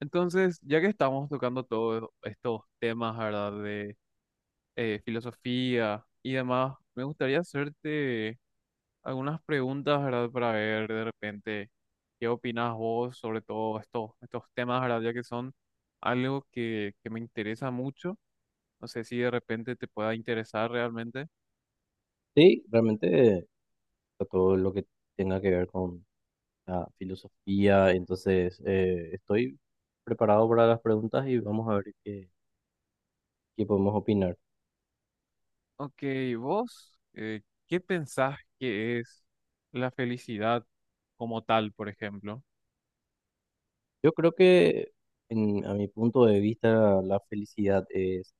Entonces, ya que estamos tocando todos estos temas, ¿verdad? De filosofía y demás, me gustaría hacerte algunas preguntas, ¿verdad? Para ver de repente qué opinas vos sobre estos temas, ¿verdad? Ya que son algo que me interesa mucho. No sé si de repente te pueda interesar realmente. Sí, realmente a todo lo que tenga que ver con la filosofía, entonces estoy preparado para las preguntas y vamos a ver qué podemos opinar. Ok, vos, ¿qué pensás que es la felicidad como tal, por ejemplo? Yo creo que a mi punto de vista la felicidad es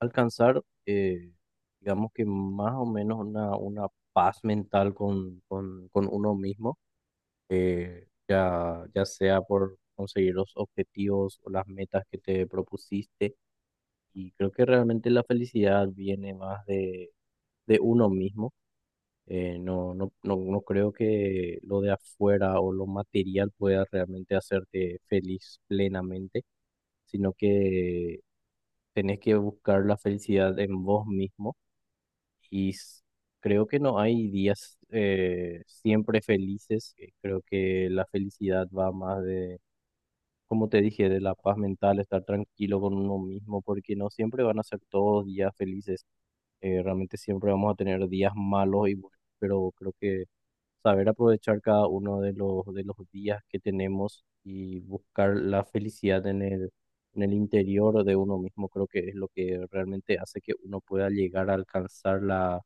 alcanzar, digamos que más o menos una paz mental con uno mismo, ya sea por conseguir los objetivos o las metas que te propusiste. Y creo que realmente la felicidad viene más de uno mismo. No creo que lo de afuera o lo material pueda realmente hacerte feliz plenamente, sino que tenés que buscar la felicidad en vos mismo. Y s- Creo que no hay días siempre felices. Creo que la felicidad va más, como te dije, de la paz mental, estar tranquilo con uno mismo, porque no siempre van a ser todos días felices. Realmente siempre vamos a tener días malos y buenos, pero creo que saber aprovechar cada uno de de los días que tenemos y buscar la felicidad en en el interior de uno mismo, creo que es lo que realmente hace que uno pueda llegar a alcanzar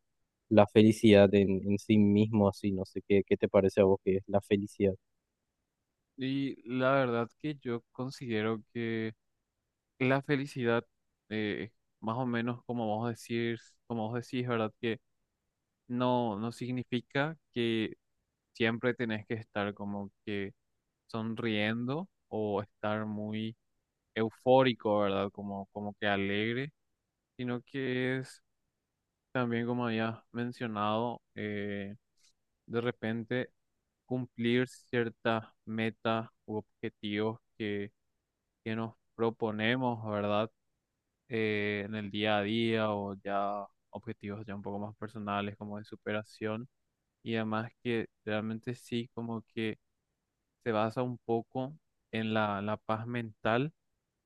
la felicidad en sí mismo. Así, no sé qué te parece a vos que es la felicidad. Y la verdad que yo considero que la felicidad, eh, más o menos como vos decís, ¿verdad? Que no significa que siempre tenés que estar como que sonriendo o estar muy eufórico, ¿verdad? Como, como que alegre, sino que es también, como había mencionado, de repente cumplir ciertas metas u objetivos que nos proponemos, ¿verdad? En el día a día o ya objetivos ya un poco más personales como de superación y además que realmente sí como que se basa un poco en la paz mental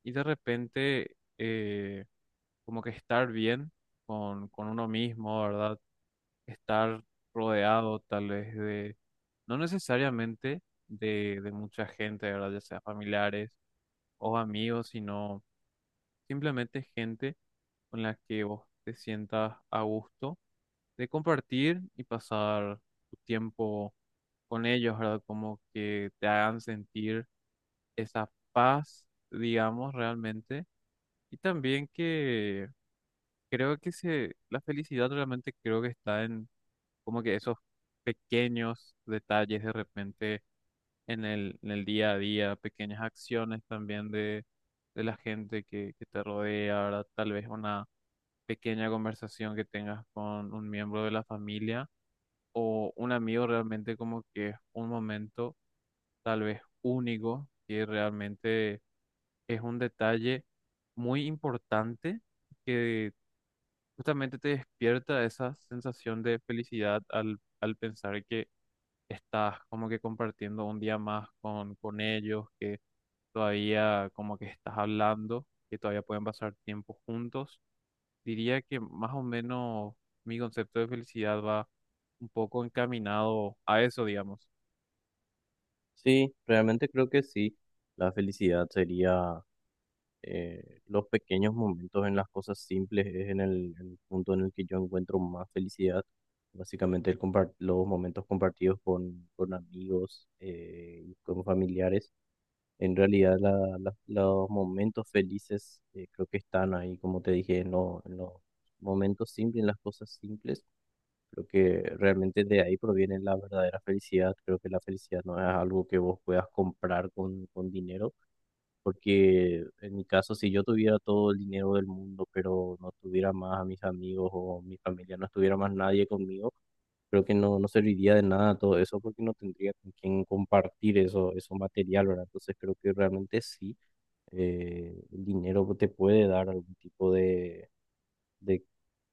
y de repente como que estar bien con uno mismo, ¿verdad? Estar rodeado tal vez de, no necesariamente de mucha gente, ¿verdad? Ya sea familiares o amigos, sino simplemente gente con la que vos te sientas a gusto de compartir y pasar tu tiempo con ellos, ¿verdad? Como que te hagan sentir esa paz, digamos, realmente. Y también que creo que se, la felicidad realmente creo que está en como que esos pequeños detalles de repente en el día a día, pequeñas acciones también de la gente que te rodea, ¿verdad? Tal vez una pequeña conversación que tengas con un miembro de la familia o un amigo realmente como que es un momento tal vez único que realmente es un detalle muy importante que justamente te despierta esa sensación de felicidad al, al pensar que estás como que compartiendo un día más con ellos, que todavía como que estás hablando, que todavía pueden pasar tiempo juntos. Diría que más o menos mi concepto de felicidad va un poco encaminado a eso, digamos. Sí, realmente creo que sí. La felicidad sería, los pequeños momentos en las cosas simples, es en el punto en el que yo encuentro más felicidad. Básicamente los momentos compartidos con amigos y con familiares. En realidad los momentos felices, creo que están ahí, como te dije, en, en los momentos simples, en las cosas simples. Creo que realmente de ahí proviene la verdadera felicidad. Creo que la felicidad no es algo que vos puedas comprar con dinero, porque en mi caso, si yo tuviera todo el dinero del mundo, pero no tuviera más a mis amigos o mi familia, no estuviera más nadie conmigo, creo que no serviría de nada todo eso porque no tendría con quién compartir eso, eso material, ¿verdad? Entonces creo que realmente sí, el dinero te puede dar algún tipo de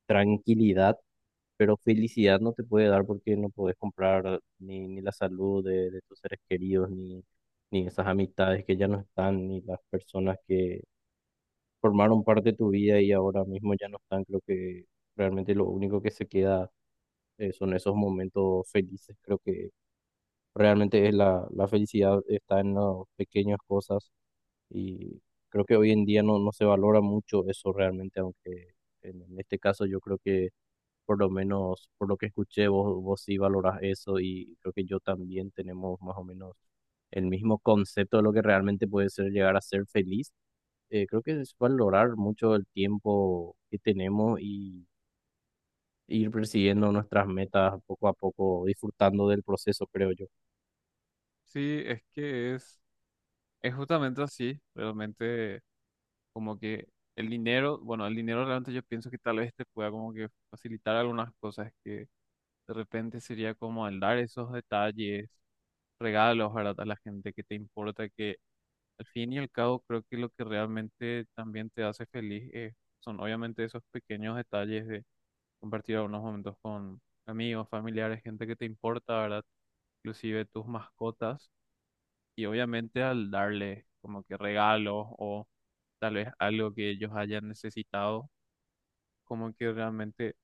tranquilidad, pero felicidad no te puede dar porque no podés comprar ni la salud de tus seres queridos, ni esas amistades que ya no están, ni las personas que formaron parte de tu vida y ahora mismo ya no están. Creo que realmente lo único que se queda, son esos momentos felices. Creo que realmente es la felicidad está en las pequeñas cosas, y creo que hoy en día no se valora mucho eso realmente, aunque en este caso yo creo que, por lo menos por lo que escuché, vos sí valorás eso, y creo que yo también tenemos más o menos el mismo concepto de lo que realmente puede ser llegar a ser feliz. Creo que es valorar mucho el tiempo que tenemos y ir persiguiendo nuestras metas poco a poco, disfrutando del proceso, creo yo. Sí, es que es justamente así, realmente como que el dinero, bueno, el dinero realmente yo pienso que tal vez te pueda como que facilitar algunas cosas que de repente sería como el dar esos detalles, regalos, ¿verdad? A la gente que te importa, que al fin y al cabo creo que lo que realmente también te hace feliz son obviamente esos pequeños detalles de compartir algunos momentos con amigos, familiares, gente que te importa, ¿verdad? Inclusive tus mascotas. Y obviamente al darle como que regalos o tal vez algo que ellos hayan necesitado, como que realmente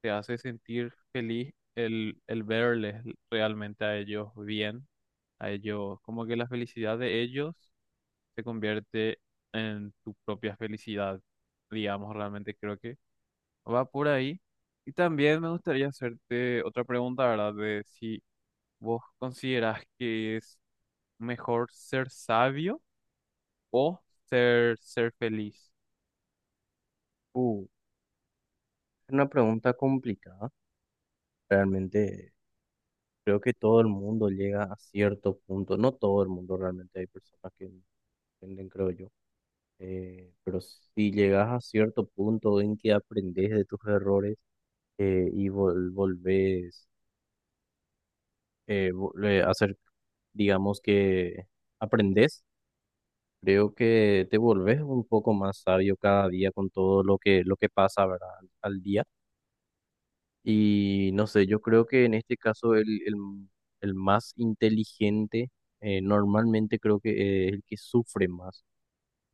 te hace sentir feliz el verles realmente a ellos bien, a ellos, como que la felicidad de ellos se convierte en tu propia felicidad, digamos, realmente creo que... Va por ahí. Y también me gustaría hacerte otra pregunta, ¿verdad? De si vos considerás que es mejor ser sabio o ser feliz. Uh, es una pregunta complicada. Realmente creo que todo el mundo llega a cierto punto, no todo el mundo realmente, hay personas que entienden, creo yo, pero si llegas a cierto punto en que aprendes de tus errores, y volvés a hacer, digamos que aprendes, creo que te volvés un poco más sabio cada día con todo lo lo que pasa, ¿verdad? Al día. Y no sé, yo creo que en este caso el más inteligente, normalmente creo que, es el que sufre más.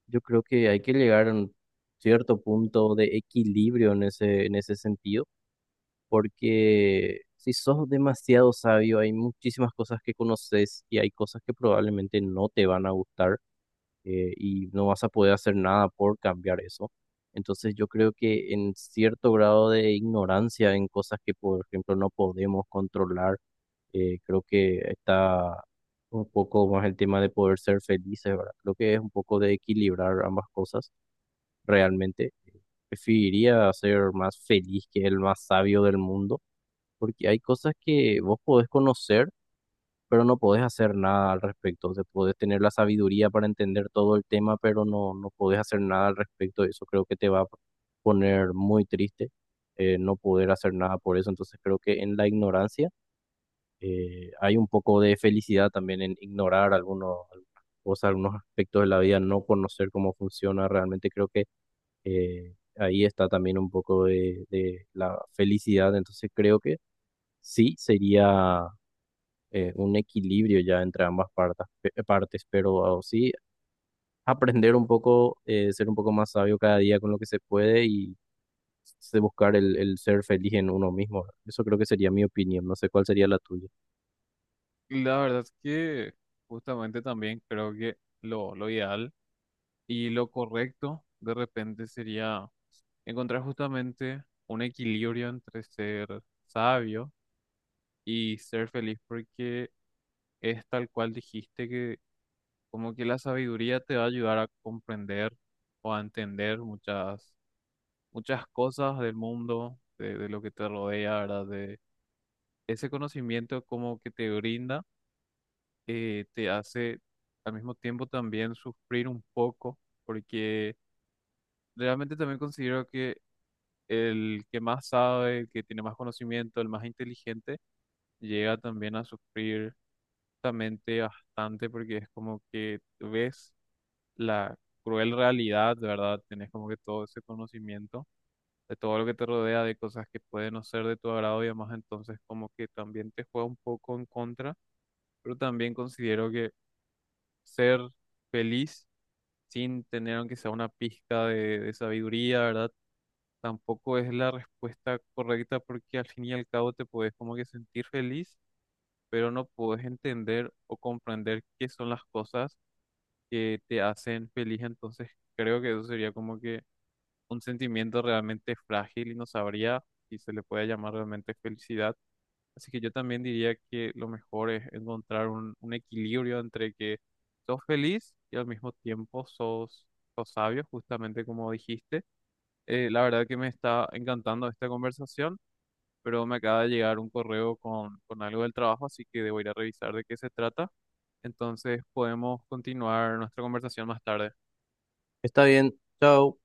Yo creo que hay que llegar a un cierto punto de equilibrio en en ese sentido, porque si sos demasiado sabio, hay muchísimas cosas que conoces y hay cosas que probablemente no te van a gustar, y no vas a poder hacer nada por cambiar eso. Entonces yo creo que en cierto grado de ignorancia en cosas que, por ejemplo, no podemos controlar, creo que está un poco más el tema de poder ser felices, ¿verdad? Creo que es un poco de equilibrar ambas cosas. Realmente preferiría ser más feliz que el más sabio del mundo, porque hay cosas que vos podés conocer, pero no podés hacer nada al respecto. O sea, podés tener la sabiduría para entender todo el tema, pero no podés hacer nada al respecto. Eso creo que te va a poner muy triste, no poder hacer nada por eso. Entonces creo que en la ignorancia, hay un poco de felicidad también en ignorar algunas cosas, algunos aspectos de la vida, no conocer cómo funciona. Realmente creo que, ahí está también un poco de la felicidad, entonces creo que sí sería, un equilibrio ya entre ambas partes, pero sí aprender un poco, ser un poco más sabio cada día con lo que se puede y se buscar el ser feliz en uno mismo. Eso creo que sería mi opinión, no sé cuál sería la tuya. Y la verdad es que justamente también creo que lo ideal y lo correcto de repente sería encontrar justamente un equilibrio entre ser sabio y ser feliz, porque es tal cual dijiste que como que la sabiduría te va a ayudar a comprender o a entender muchas, muchas cosas del mundo, de lo que te rodea, ¿verdad? De ese conocimiento como que te brinda, te hace al mismo tiempo también sufrir un poco, porque realmente también considero que el que más sabe, el que tiene más conocimiento, el más inteligente, llega también a sufrir justamente bastante porque es como que ves la cruel realidad, de verdad, tenés como que todo ese conocimiento de todo lo que te rodea, de cosas que pueden no ser de tu agrado y además entonces como que también te juega un poco en contra, pero también considero que ser feliz sin tener aunque sea una pizca de sabiduría, ¿verdad? Tampoco es la respuesta correcta porque al fin y al cabo te puedes como que sentir feliz, pero no puedes entender o comprender qué son las cosas que te hacen feliz, entonces creo que eso sería como que un sentimiento realmente frágil y no sabría si se le puede llamar realmente felicidad. Así que yo también diría que lo mejor es encontrar un equilibrio entre que sos feliz y al mismo tiempo sos sabio, justamente como dijiste. La verdad que me está encantando esta conversación, pero me acaba de llegar un correo con algo del trabajo, así que debo ir a revisar de qué se trata. Entonces podemos continuar nuestra conversación más tarde. Está bien, chao.